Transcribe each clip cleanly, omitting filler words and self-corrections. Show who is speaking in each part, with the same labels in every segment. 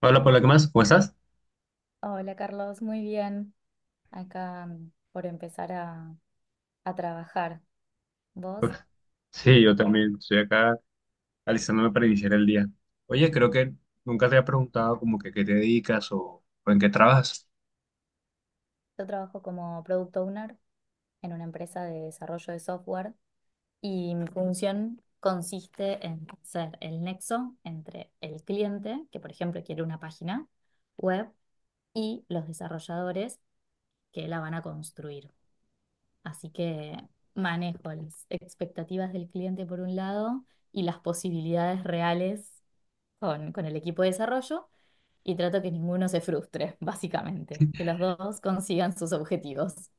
Speaker 1: Hola, Paula, ¿qué más? ¿Cómo estás?
Speaker 2: Hola Carlos, muy bien. Acá por empezar a trabajar. ¿Vos?
Speaker 1: Uf, Sí, yo también estoy acá alistándome para iniciar el día. Oye, creo que nunca te había preguntado como que qué te dedicas o en qué trabajas.
Speaker 2: Yo trabajo como product owner en una empresa de desarrollo de software, y mi función consiste en ser el nexo entre el cliente, que por ejemplo quiere una página web, y los desarrolladores que la van a construir. Así que manejo las expectativas del cliente por un lado y las posibilidades reales con el equipo de desarrollo. Y trato que ninguno se frustre, básicamente, que los dos consigan sus objetivos.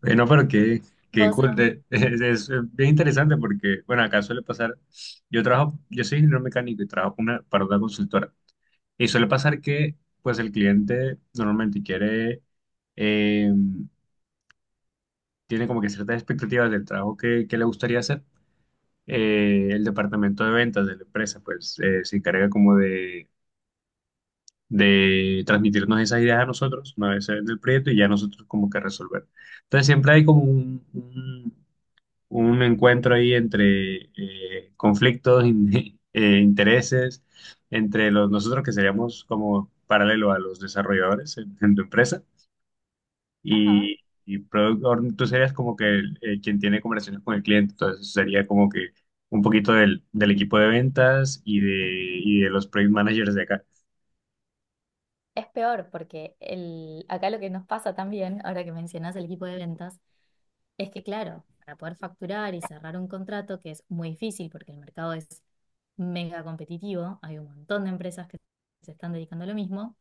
Speaker 1: Bueno, pero qué
Speaker 2: Vos, ac-
Speaker 1: cool. Es bien interesante porque, bueno, acá suele pasar, yo trabajo, yo soy ingeniero mecánico y trabajo para una consultora. Y suele pasar que, pues, el cliente normalmente quiere, eh, tiene como que ciertas expectativas del trabajo que le gustaría hacer. Eh, el departamento de ventas de la empresa, pues se encarga como de transmitirnos esas ideas a nosotros, una vez se vende el proyecto y ya nosotros como que resolver. Entonces siempre hay como un encuentro ahí entre conflictos, intereses, entre nosotros que seríamos como paralelo a los desarrolladores en tu empresa
Speaker 2: ajá,
Speaker 1: y, y product owner, tú serías como que quien tiene conversaciones con el cliente, entonces sería como que un poquito del equipo de ventas y de los project managers de acá.
Speaker 2: es peor porque acá lo que nos pasa también, ahora que mencionás el equipo de ventas, es que claro, para poder facturar y cerrar un contrato, que es muy difícil porque el mercado es mega competitivo, hay un montón de empresas que se están dedicando a lo mismo,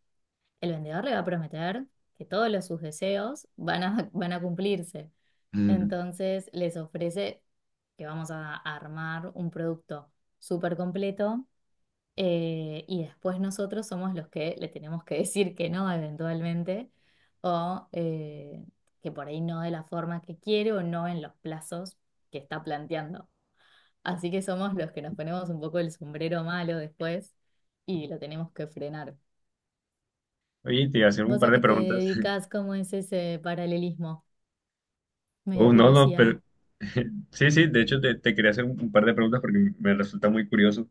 Speaker 2: el vendedor le va a prometer que todos sus deseos van a cumplirse.
Speaker 1: Ujú.
Speaker 2: Entonces les ofrece que vamos a armar un producto súper completo, y después nosotros somos los que le tenemos que decir que no eventualmente, o que por ahí no de la forma que quiere o no en los plazos que está planteando. Así que somos los que nos ponemos un poco el sombrero malo después y lo tenemos que frenar.
Speaker 1: Oye, te iba a hacer un
Speaker 2: ¿Vos
Speaker 1: par
Speaker 2: a
Speaker 1: de
Speaker 2: qué te
Speaker 1: preguntas.
Speaker 2: dedicas? ¿Cómo es ese paralelismo? Me dio
Speaker 1: Oh, no, no,
Speaker 2: curiosidad.
Speaker 1: pero sí, sí, de hecho te quería hacer un par de preguntas porque me resulta muy curioso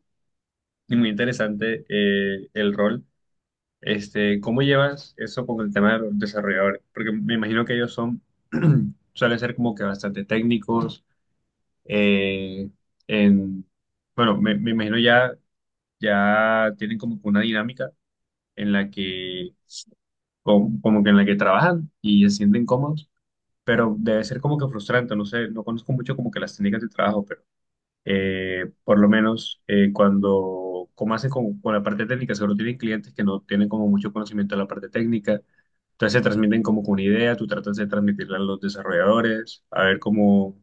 Speaker 1: y muy interesante el rol. Este, ¿cómo llevas eso con el tema de los desarrolladores? Porque me imagino que ellos son, suelen ser como que bastante técnicos eh, en, bueno, me imagino ya tienen como que una dinámica en la como, como que en la que trabajan y se sienten cómodos, pero debe ser como que frustrante, no sé, no conozco mucho como que las técnicas de trabajo, pero por lo menos cuando, como hacen con la parte técnica, seguro tienen clientes que no tienen como mucho conocimiento de la parte técnica, entonces se transmiten como que una idea, tú tratas de transmitirla a los desarrolladores, a ver cómo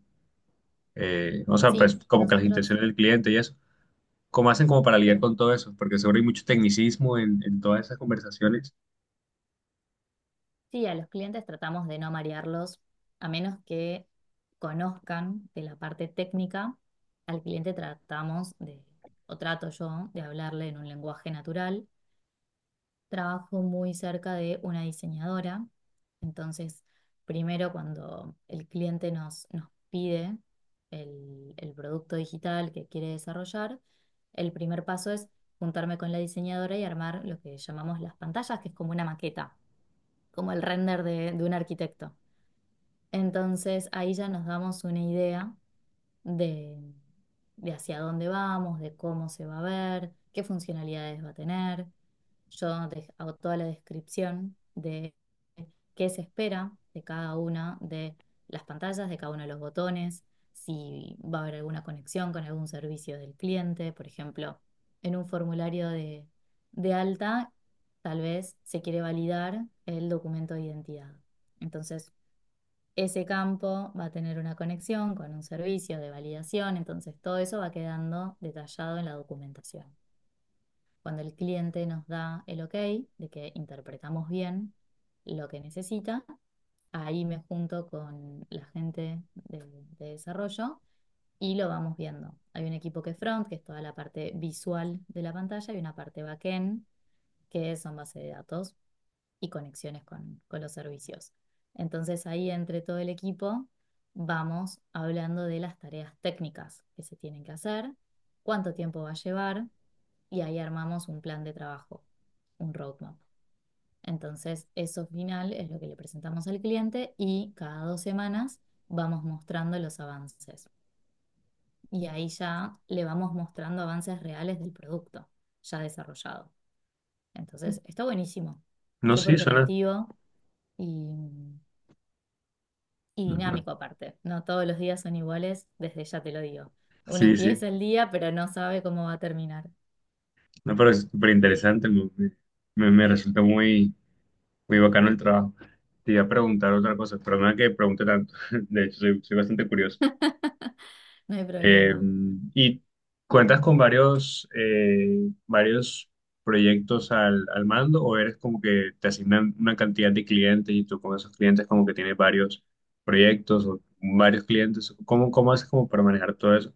Speaker 1: o sea, pues
Speaker 2: Sí,
Speaker 1: como que las
Speaker 2: nosotros.
Speaker 1: intenciones del cliente y eso. ¿Cómo hacen como para lidiar con todo eso? Porque seguro hay mucho tecnicismo en todas esas conversaciones.
Speaker 2: Sí, a los clientes tratamos de no marearlos, a menos que conozcan de la parte técnica. Al cliente tratamos de, o trato yo, de hablarle en un lenguaje natural. Trabajo muy cerca de una diseñadora, entonces primero cuando el cliente nos pide el producto digital que quiere desarrollar, el primer paso es juntarme con la diseñadora y armar lo que llamamos las pantallas, que es como una maqueta, como el render de un arquitecto. Entonces ahí ya nos damos una idea de, de hacia dónde vamos, de cómo se va a ver, qué funcionalidades va a tener. Yo hago toda la descripción de qué se espera de cada una de las pantallas, de cada uno de los botones, si va a haber alguna conexión con algún servicio del cliente. Por ejemplo, en un formulario de alta, tal vez se quiere validar el documento de identidad. Entonces, ese campo va a tener una conexión con un servicio de validación. Entonces, todo eso va quedando detallado en la documentación. Cuando el cliente nos da el ok de que interpretamos bien lo que necesita, ahí me junto con la gente de desarrollo y lo vamos viendo. Hay un equipo que es front, que es toda la parte visual de la pantalla, y una parte backend, que son base de datos y conexiones con los servicios. Entonces ahí entre todo el equipo vamos hablando de las tareas técnicas que se tienen que hacer, cuánto tiempo va a llevar, y ahí armamos un plan de trabajo, un roadmap. Entonces, eso final es lo que le presentamos al cliente, y cada 2 semanas vamos mostrando los avances. Y ahí ya le vamos mostrando avances reales del producto ya desarrollado. Entonces, está buenísimo,
Speaker 1: No, sí,
Speaker 2: súper
Speaker 1: suena.
Speaker 2: creativo y, y dinámico aparte. No todos los días son iguales, desde ya te lo digo. Uno
Speaker 1: Sí, sí.
Speaker 2: empieza el día, pero no sabe cómo va a terminar.
Speaker 1: No, pero es súper interesante. Me resulta muy bacano el trabajo. Te iba a preguntar otra cosa, pero nada que pregunte tanto. De hecho, soy soy bastante curioso.
Speaker 2: No hay
Speaker 1: Eh,
Speaker 2: problema.
Speaker 1: y cuentas con varios, varios proyectos al mando o eres como que te asignan una cantidad de clientes y tú con esos clientes como que tienes varios proyectos o varios clientes. Cómo haces como para manejar todo eso?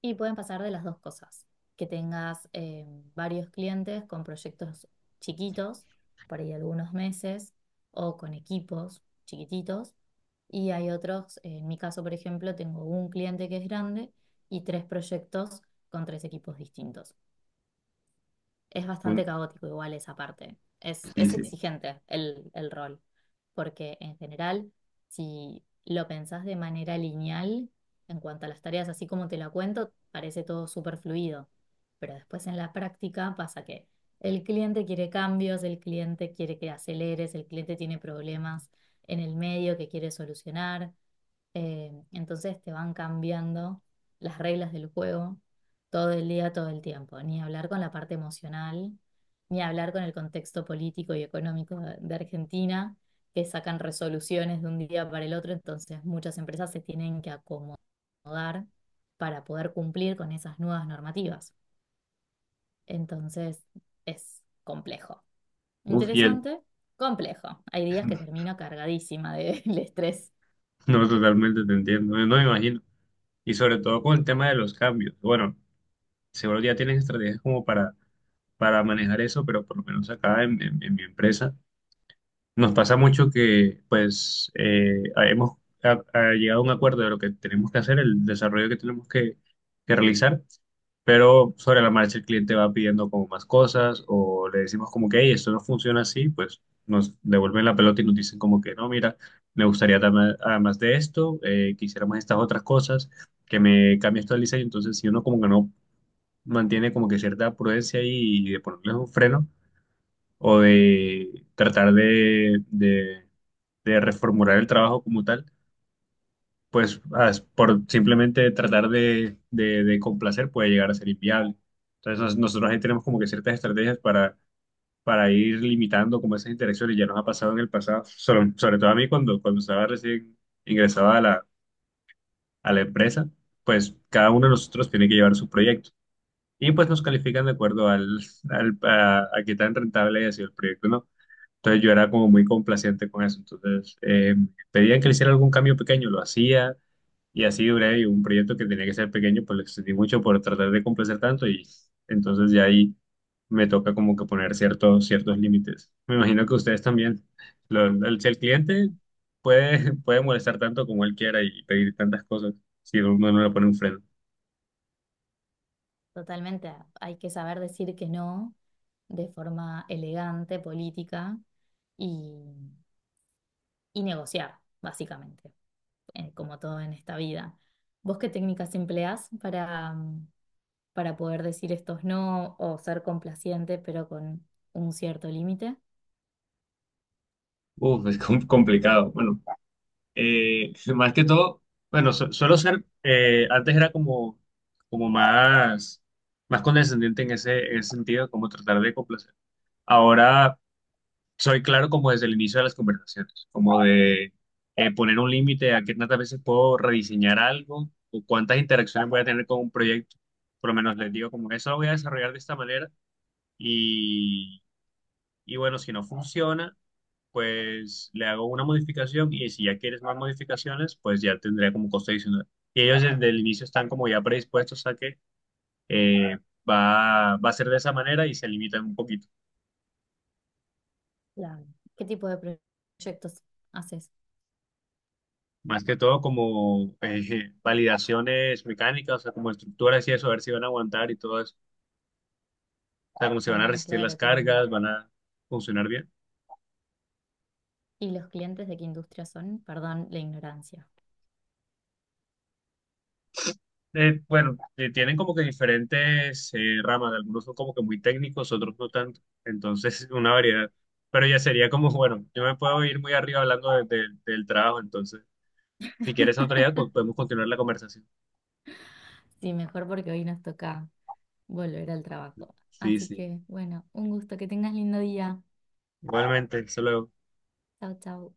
Speaker 2: Y pueden pasar de las dos cosas, que tengas varios clientes con proyectos chiquitos, por ahí algunos meses, o con equipos chiquititos. Y hay otros, en mi caso, por ejemplo, tengo un cliente que es grande y tres proyectos con tres equipos distintos. Es
Speaker 1: Un-
Speaker 2: bastante caótico igual esa parte. Es,
Speaker 1: sí,
Speaker 2: es
Speaker 1: sí.
Speaker 2: exigente el rol, porque en general, si lo pensás de manera lineal, en cuanto a las tareas, así como te la cuento, parece todo súper fluido, pero después en la práctica pasa que el cliente quiere cambios, el cliente quiere que aceleres, el cliente tiene problemas en el medio que quiere solucionar. Entonces te van cambiando las reglas del juego todo el día, todo el tiempo. Ni hablar con la parte emocional, ni hablar con el contexto político y económico de Argentina, que sacan resoluciones de un día para el otro. Entonces muchas empresas se tienen que acomodar para poder cumplir con esas nuevas normativas. Entonces es complejo.
Speaker 1: Uf, y el-
Speaker 2: Interesante, complejo. Hay días que termino cargadísima del estrés.
Speaker 1: no, totalmente te entiendo, no me imagino. Y sobre todo con el tema de los cambios. Bueno, seguro ya tienes estrategias como para manejar eso, pero por lo menos acá en mi empresa nos pasa mucho que, pues, hemos ha llegado a un acuerdo de lo que tenemos que hacer, el desarrollo que tenemos que realizar, pero sobre la marcha el cliente va pidiendo como más cosas o le decimos como que, hey, esto no funciona así, pues nos devuelven la pelota y nos dicen como que, no, mira, me gustaría dar además de esto, quisiéramos estas otras cosas, que me cambie esto el diseño. Entonces, si uno como que no mantiene como que cierta prudencia ahí y de ponerles un freno, o de tratar de reformular el trabajo como tal, pues por simplemente tratar de complacer puede llegar a ser inviable. Entonces nosotros ahí tenemos como que ciertas estrategias para ir limitando como esas interacciones, ya nos ha pasado en el pasado, sobre todo a mí cuando estaba recién ingresado a a la empresa, pues cada uno de nosotros tiene que llevar su proyecto. Y pues nos califican de acuerdo a qué tan rentable haya sido el proyecto, ¿no? Entonces yo era como muy complaciente con eso. Entonces pedían que le hiciera algún cambio pequeño, lo hacía y así duré y un proyecto que tenía que ser pequeño, pues lo extendí mucho por tratar de complacer tanto y entonces ya ahí me toca como que poner ciertos límites. Me imagino que ustedes también. Si el cliente
Speaker 2: Sí.
Speaker 1: puede, puede molestar tanto como él quiera y pedir tantas cosas, si uno no le pone un freno.
Speaker 2: Totalmente, hay que saber decir que no de forma elegante, política y, y negociar, básicamente, como todo en esta vida. ¿Vos qué técnicas empleás para poder decir estos no, o ser complaciente pero con un cierto límite?
Speaker 1: Uf, es complicado. Bueno, más que todo, bueno, suelo ser, antes era como más, más condescendiente en en ese sentido, como tratar de complacer. Ahora soy claro como desde el inicio de las conversaciones, como de poner un límite a qué tantas veces puedo rediseñar algo o cuántas interacciones voy a tener con un proyecto. Por lo menos les digo como eso lo voy a desarrollar de esta manera y, y bueno, si no funciona pues le hago una modificación y si ya quieres más modificaciones, pues ya tendría como costo adicional. Y ellos desde el inicio están como ya predispuestos a que eh, va a ser de esa manera y se limitan un poquito.
Speaker 2: Claro. ¿Qué tipo de proyectos haces?
Speaker 1: Más que todo como validaciones mecánicas, o sea, como estructuras y eso, a ver si van a aguantar y todo eso. O sea, como si van a
Speaker 2: Ah,
Speaker 1: resistir las
Speaker 2: claro, tienen.
Speaker 1: cargas, van a funcionar bien.
Speaker 2: ¿Y los clientes de qué industria son? Perdón la ignorancia.
Speaker 1: Bueno, tienen como que diferentes ramas, algunos son como que muy técnicos, otros no tanto, entonces una variedad. Pero ya sería como, bueno, yo me puedo ir muy arriba hablando del trabajo, entonces si quieres otro día pues, podemos continuar la conversación.
Speaker 2: Sí, mejor porque hoy nos toca volver al trabajo.
Speaker 1: Sí,
Speaker 2: Así
Speaker 1: sí,
Speaker 2: que, bueno, un gusto, que tengas lindo día.
Speaker 1: igualmente, solo
Speaker 2: Chao, chao.